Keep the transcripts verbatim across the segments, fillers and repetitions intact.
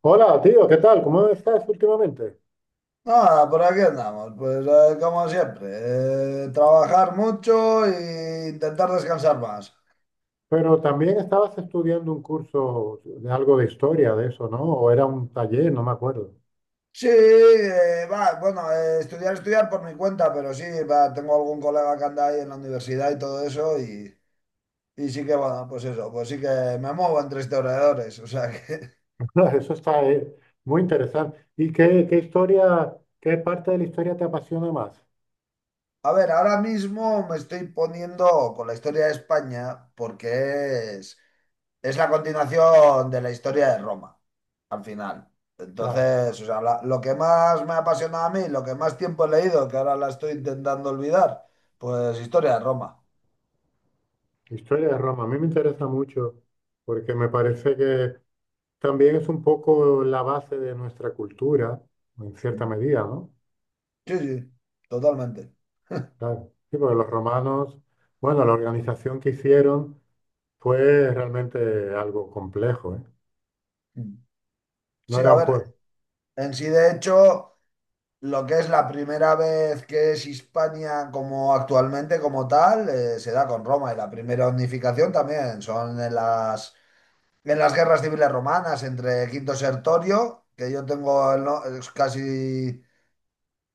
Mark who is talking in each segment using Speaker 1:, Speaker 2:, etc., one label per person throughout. Speaker 1: Hola, tío, ¿qué tal? ¿Cómo estás últimamente?
Speaker 2: Nada, por aquí andamos, pues eh, como siempre, eh, trabajar mucho e intentar descansar más.
Speaker 1: Pero también estabas estudiando un curso de algo de historia de eso, ¿no? O era un taller, no me acuerdo.
Speaker 2: Sí, eh, va, bueno, eh, estudiar, estudiar por mi cuenta, pero sí, va, tengo algún colega que anda ahí en la universidad y todo eso, y, y sí que, bueno, pues eso, pues sí que me muevo entre historiadores, o sea que...
Speaker 1: Eso está eh, muy interesante. ¿Y qué, qué historia, qué parte de la historia te apasiona más?
Speaker 2: A ver, ahora mismo me estoy poniendo con la historia de España porque es, es la continuación de la historia de Roma al final.
Speaker 1: Claro,
Speaker 2: Entonces, o sea, la- lo que más me ha apasionado a mí, lo que más tiempo he leído, que ahora la estoy intentando olvidar, pues historia de Roma.
Speaker 1: historia de Roma. A mí me interesa mucho porque me parece que también es un poco la base de nuestra cultura, en cierta
Speaker 2: Mm.
Speaker 1: medida, ¿no?
Speaker 2: Sí, sí, totalmente.
Speaker 1: Claro, sí, porque los romanos, bueno, la organización que hicieron. Fue realmente algo complejo, ¿eh?
Speaker 2: Mm.
Speaker 1: No
Speaker 2: Sí, a
Speaker 1: eran
Speaker 2: ver,
Speaker 1: pueblos.
Speaker 2: en sí de hecho, lo que es la primera vez que es Hispania como actualmente como tal, eh, se da con Roma y la primera unificación también son en las, en las guerras civiles romanas entre Quinto Sertorio, que yo tengo el no- es casi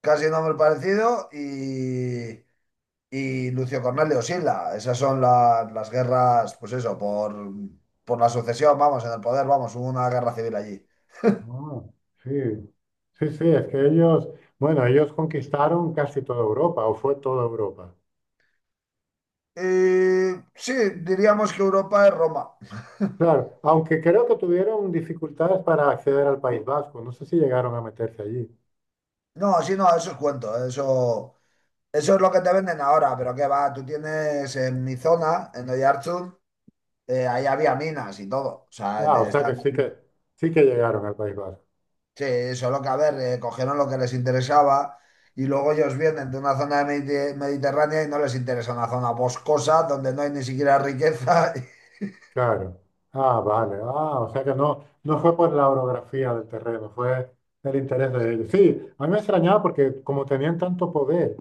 Speaker 2: casi nombre parecido, y, y Lucio Cornelio Sila. Esas son la- las guerras, pues eso, por, por la sucesión, vamos, en el poder, vamos, hubo una guerra civil allí.
Speaker 1: No, sí, sí, sí, es que ellos, bueno, ellos conquistaron casi toda Europa, o fue toda Europa.
Speaker 2: Y sí, diríamos que Europa es Roma.
Speaker 1: Claro, aunque creo que tuvieron dificultades para acceder al País Vasco, no sé si llegaron a meterse allí.
Speaker 2: No, sí, no, eso es cuento, eso, eso es lo que te venden ahora, pero qué va, tú tienes en mi zona, en Oiartzun, eh, ahí había minas y todo, o sea,
Speaker 1: Ah,
Speaker 2: te-
Speaker 1: o sea que
Speaker 2: están.
Speaker 1: sí que, sí que llegaron al País Vasco,
Speaker 2: Sí, solo que a ver, eh, cogieron lo que les interesaba y luego ellos vienen de una zona de Medite- mediterránea y no les interesa una zona boscosa donde no hay ni siquiera riqueza.
Speaker 1: claro. Ah, vale, ah, o sea que no, no fue por la orografía del terreno, fue el interés de ellos. Sí, a mí me extrañaba porque como tenían tanto poder.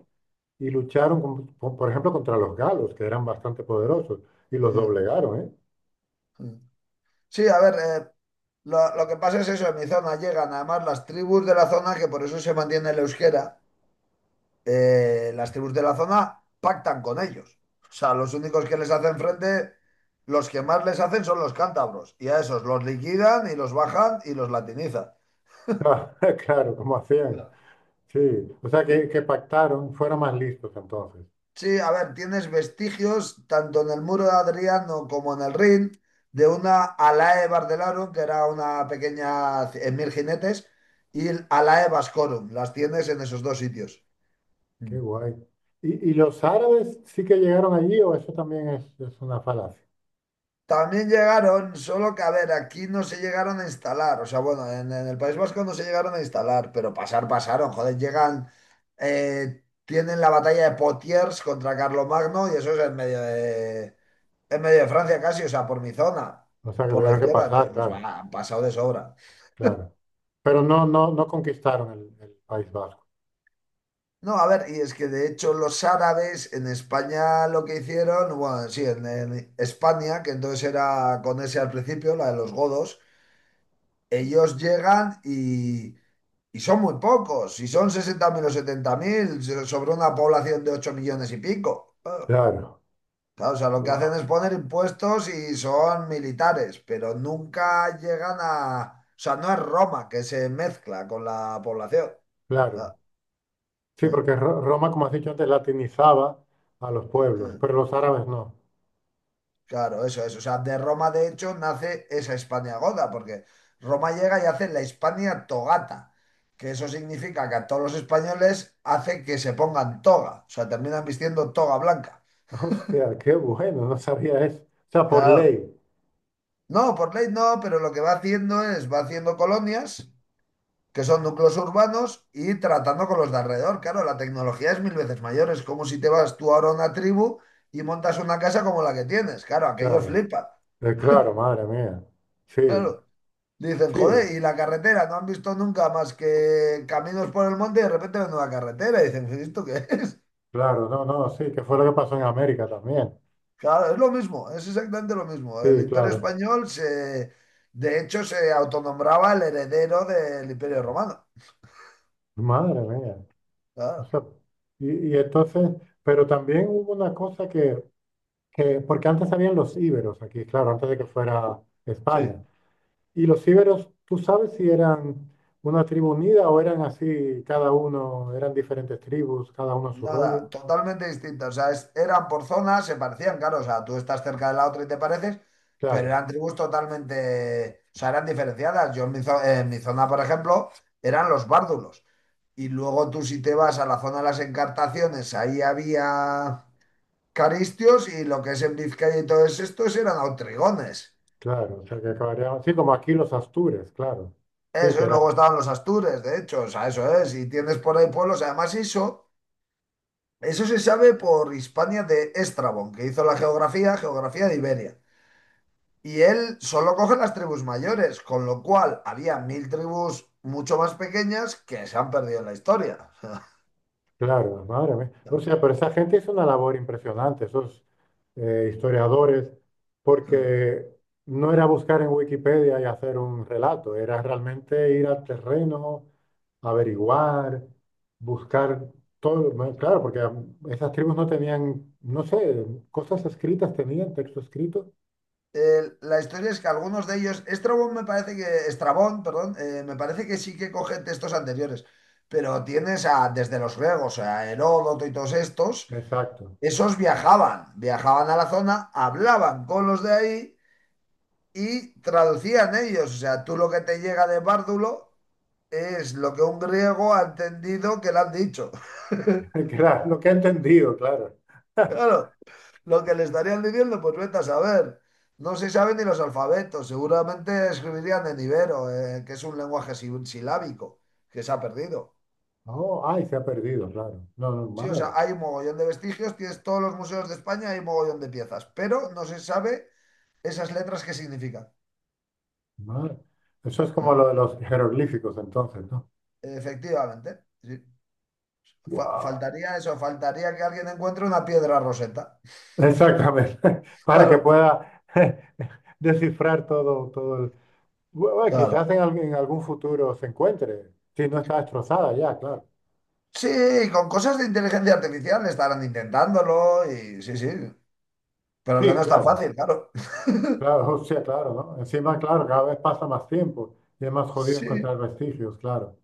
Speaker 1: Y lucharon, con- por por ejemplo, contra los galos, que eran bastante poderosos, y los doblegaron, ¿eh?
Speaker 2: Sí, a ver, eh, lo, lo que pasa es eso, en mi zona llegan además las tribus de la zona, que por eso se mantiene el euskera, eh, las tribus de la zona pactan con ellos. O sea, los únicos que les hacen frente, los que más les hacen son los cántabros y a esos los liquidan y los bajan y los latinizan.
Speaker 1: Ah, claro, como hacían. Sí, o sea que, que pactaron, fueron más listos entonces.
Speaker 2: Sí, a ver, tienes vestigios tanto en el muro de Adriano como en el Rin de una Alae Bardelarum, que era una pequeña c- en mil jinetes, y el Alae Vascorum. Las tienes en esos dos sitios. Mm.
Speaker 1: Qué guay. ¿Y, y los árabes sí que llegaron allí o eso también es, es una falacia?
Speaker 2: También llegaron, solo que a ver, aquí no se llegaron a instalar. O sea, bueno, en, en el País Vasco no se llegaron a instalar, pero pasar, pasaron. Joder, llegan, eh, tienen la batalla de Potiers contra Carlomagno y eso es en medio de, en medio de Francia casi, o sea, por mi zona,
Speaker 1: O sea que
Speaker 2: por la
Speaker 1: tuvieron que
Speaker 2: izquierda,
Speaker 1: pasar,
Speaker 2: entonces, pues,
Speaker 1: claro,
Speaker 2: va, han pasado de sobra.
Speaker 1: claro. Pero no, no, no conquistaron el, el País Vasco.
Speaker 2: No, a ver, y es que de hecho los árabes en España lo que hicieron, bueno, sí, en, en España, que entonces era con ese al principio, la de los godos, ellos llegan y, y son muy pocos, si son sesenta mil o setenta mil so-, sobre una población de ocho millones y pico. Ah.
Speaker 1: Claro,
Speaker 2: Claro, o sea, lo que hacen
Speaker 1: wow,
Speaker 2: es poner impuestos y son militares, pero nunca llegan a... O sea, no es Roma que se mezcla con la población. Ah.
Speaker 1: claro. Sí,
Speaker 2: eh,
Speaker 1: porque Ro- Roma, como has dicho antes, latinizaba a los pueblos, pero
Speaker 2: eh.
Speaker 1: los árabes no.
Speaker 2: Claro, eso es. O sea, de Roma, de hecho, nace esa Hispania goda, porque Roma llega y hace la Hispania togata, que eso significa que a todos los españoles hace que se pongan toga. O sea, terminan vistiendo toga blanca.
Speaker 1: Hostia, qué bueno, no sabía eso. O sea, por
Speaker 2: Claro.
Speaker 1: ley,
Speaker 2: No, por ley no, pero lo que va haciendo es, va haciendo colonias, que son núcleos urbanos, y tratando con los de alrededor. Claro, la tecnología es mil veces mayor. Es como si te vas tú ahora a una tribu y montas una casa como la que tienes. Claro, aquellos
Speaker 1: claro.
Speaker 2: flipan.
Speaker 1: Eh, claro, madre mía. Sí,
Speaker 2: Claro, dicen,
Speaker 1: sí,
Speaker 2: joder, y la carretera, no han visto nunca más que caminos por el monte y de repente ven una carretera y dicen, ¿esto qué es?
Speaker 1: claro, no, no, sí, que fue lo que pasó en América también.
Speaker 2: Claro, es lo mismo, es exactamente lo mismo. El
Speaker 1: Sí,
Speaker 2: Imperio
Speaker 1: claro.
Speaker 2: Español se, de hecho, se autonombraba el heredero del Imperio Romano.
Speaker 1: Madre mía. O
Speaker 2: Claro,
Speaker 1: sea, y, y entonces, pero también hubo una cosa que, que, porque antes habían los íberos aquí, claro, antes de que fuera
Speaker 2: sí.
Speaker 1: España. Y los íberos, ¿tú sabes si eran una tribu unida o eran así, cada uno, eran diferentes tribus, cada uno a su rollo?
Speaker 2: Nada, totalmente distinto. O sea, es- eran por zonas, se parecían, claro. O sea, tú estás cerca de la otra y te pareces, pero
Speaker 1: Claro.
Speaker 2: eran tribus totalmente, o sea, eran diferenciadas. Yo en mi, zo- en mi zona, por ejemplo, eran los bárdulos. Y luego tú si te vas a la zona de las encartaciones, ahí había caristios, y lo que es en Vizcaya y todo estos eran autrigones.
Speaker 1: Claro, o sea que acabaría, sí, como aquí los Astures, claro. Sí,
Speaker 2: Eso
Speaker 1: que
Speaker 2: es, luego
Speaker 1: era,
Speaker 2: estaban los astures, de hecho, o sea, eso es. Y tienes por ahí pueblos, además eso. Eso se sabe por Hispania de Estrabón, que hizo la geografía, geografía de Iberia. Y él solo coge las tribus mayores, con lo cual había mil tribus mucho más pequeñas que se han perdido en la historia.
Speaker 1: claro, madre mía. O sea, pero esa gente hizo una labor impresionante, esos eh, historiadores, porque no era buscar en Wikipedia y hacer un relato, era realmente ir al terreno, averiguar, buscar todo, bueno, claro, porque am, esas tribus no tenían, no sé, cosas escritas tenían, texto escrito.
Speaker 2: El- la historia es que algunos de ellos, Estrabón me parece que, Estrabón, perdón, eh, me parece que sí que coge textos anteriores, pero tienes a, desde los griegos, a Heródoto y todos estos,
Speaker 1: Exacto,
Speaker 2: esos viajaban, viajaban a la zona, hablaban con los de ahí y traducían ellos. O sea, tú lo que te llega de Bárdulo es lo que un griego ha entendido que le han dicho.
Speaker 1: claro, lo que he entendido, claro.
Speaker 2: Claro, lo que le estarían diciendo, pues vete a saber. No se saben ni los alfabetos, seguramente escribirían en ibero, eh, que es un lenguaje si- silábico, que se ha perdido.
Speaker 1: Oh, ay, se ha perdido, claro. No, no,
Speaker 2: Sí, o sea,
Speaker 1: madre,
Speaker 2: hay un mogollón de vestigios, tienes todos los museos de España, hay un mogollón de piezas, pero no se sabe esas letras qué significan.
Speaker 1: madre. Eso es como lo de los jeroglíficos, entonces, ¿no?
Speaker 2: Efectivamente. Sí. Fa-
Speaker 1: Wow.
Speaker 2: faltaría eso, faltaría que alguien encuentre una piedra roseta.
Speaker 1: Exactamente. Para que
Speaker 2: Claro,
Speaker 1: pueda descifrar todo, todo el... Bueno, quizás
Speaker 2: claro.
Speaker 1: en, algún- en algún futuro se encuentre, si no está destrozada ya, claro.
Speaker 2: Sí, con cosas de inteligencia artificial estarán intentándolo y sí, sí, pero que
Speaker 1: Sí,
Speaker 2: no es tan
Speaker 1: claro.
Speaker 2: fácil, claro.
Speaker 1: Claro, o sea, claro, ¿no? Encima, claro, cada vez pasa más tiempo y es más jodido
Speaker 2: Sí,
Speaker 1: encontrar vestigios, claro.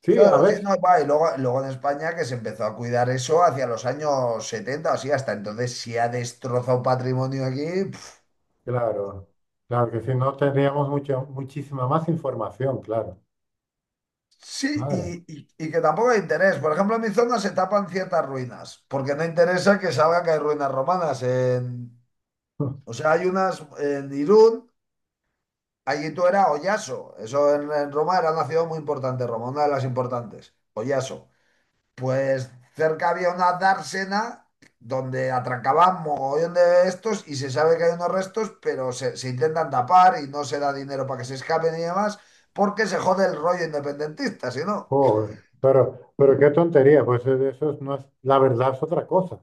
Speaker 1: Sí, a
Speaker 2: claro, sí,
Speaker 1: ver,
Speaker 2: no, va, y luego, luego en España que se empezó a cuidar eso hacia los años setenta, así hasta entonces sí ha destrozado patrimonio aquí. Pf.
Speaker 1: claro. Claro que si no tendríamos mucha, muchísima más información, claro.
Speaker 2: Sí,
Speaker 1: Madre.
Speaker 2: y, y- y que tampoco hay interés. Por ejemplo, en mi zona se tapan ciertas ruinas, porque no interesa que salga que hay ruinas romanas en... O sea, hay unas en Irún, allí Ayito era Oyaso. Eso en, en Roma era una ciudad muy importante, Roma, una de las importantes, Oyaso. Pues cerca había una dársena donde atracaban mogollón de estos y se sabe que hay unos restos, pero se, se intentan tapar y no se da dinero para que se escapen y demás, porque se jode el rollo independentista, si no.
Speaker 1: Joder, pero, pero qué tontería, pues eh, eso es- no es, la verdad es otra cosa.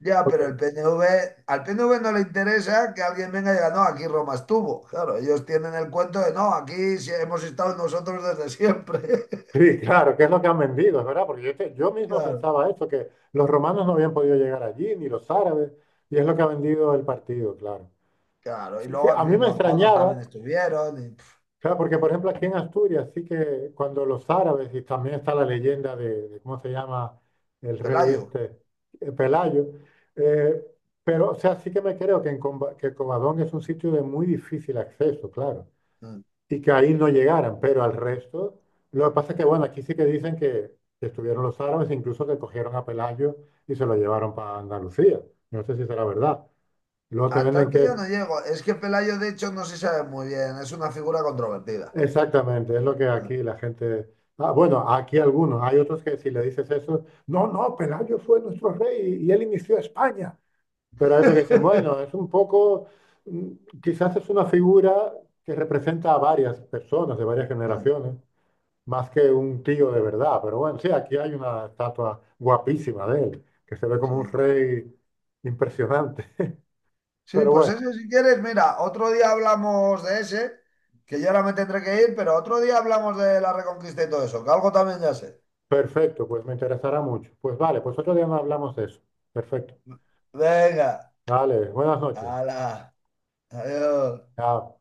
Speaker 2: Ya, pero
Speaker 1: Porque,
Speaker 2: el P N V, al P N V no le interesa que alguien venga y diga, no, aquí Roma estuvo. Claro, ellos tienen el cuento de, no, aquí sí hemos estado nosotros desde siempre.
Speaker 1: sí, claro, que es lo que han vendido, es verdad, porque yo, te- yo mismo
Speaker 2: Claro,
Speaker 1: pensaba esto, que los romanos no habían podido llegar allí, ni los árabes, y es lo que ha vendido el partido, claro.
Speaker 2: claro. Y
Speaker 1: Sí, sí, a
Speaker 2: luego
Speaker 1: mí
Speaker 2: y
Speaker 1: me
Speaker 2: los godos también
Speaker 1: extrañaba,
Speaker 2: estuvieron. Y, pf.
Speaker 1: claro, porque por ejemplo aquí en Asturias, sí que cuando los árabes, y también está la leyenda de, de ¿cómo se llama el rey
Speaker 2: Pelayo.
Speaker 1: este? Eh, Pelayo, eh, pero, o sea, sí que me creo que, en Comba- que Covadonga es un sitio de muy difícil acceso, claro.
Speaker 2: Mm.
Speaker 1: Y que ahí no llegaran, pero al resto, lo que pasa es que, bueno, aquí sí que dicen que, que estuvieron los árabes, incluso que cogieron a Pelayo y se lo llevaron para Andalucía. No sé si será verdad. Y luego te
Speaker 2: A
Speaker 1: venden
Speaker 2: tanto ya
Speaker 1: que,
Speaker 2: no llego. Es que Pelayo, de hecho, no se sabe muy bien. Es una figura controvertida.
Speaker 1: exactamente, es lo que
Speaker 2: Mm.
Speaker 1: aquí la gente... Ah, bueno, aquí algunos, hay otros que si le dices eso, no, no, Pelayo fue nuestro rey y, y él inició España. Pero hay otros que dicen, bueno, es un poco, mm, quizás es una figura que representa a varias personas de varias generaciones. Más que un tío de verdad. Pero bueno, sí, aquí hay una estatua guapísima de él, que se ve como un
Speaker 2: Sí.
Speaker 1: rey impresionante.
Speaker 2: Sí,
Speaker 1: Pero
Speaker 2: pues
Speaker 1: bueno,
Speaker 2: ese si quieres, mira, otro día hablamos de ese, que yo ahora me tendré que ir, pero otro día hablamos de la Reconquista y todo eso, que algo también ya sé.
Speaker 1: perfecto, pues me interesará mucho. Pues vale, pues otro día nos hablamos de eso. Perfecto.
Speaker 2: Venga,
Speaker 1: Vale, buenas noches.
Speaker 2: hala, adiós.
Speaker 1: Chao.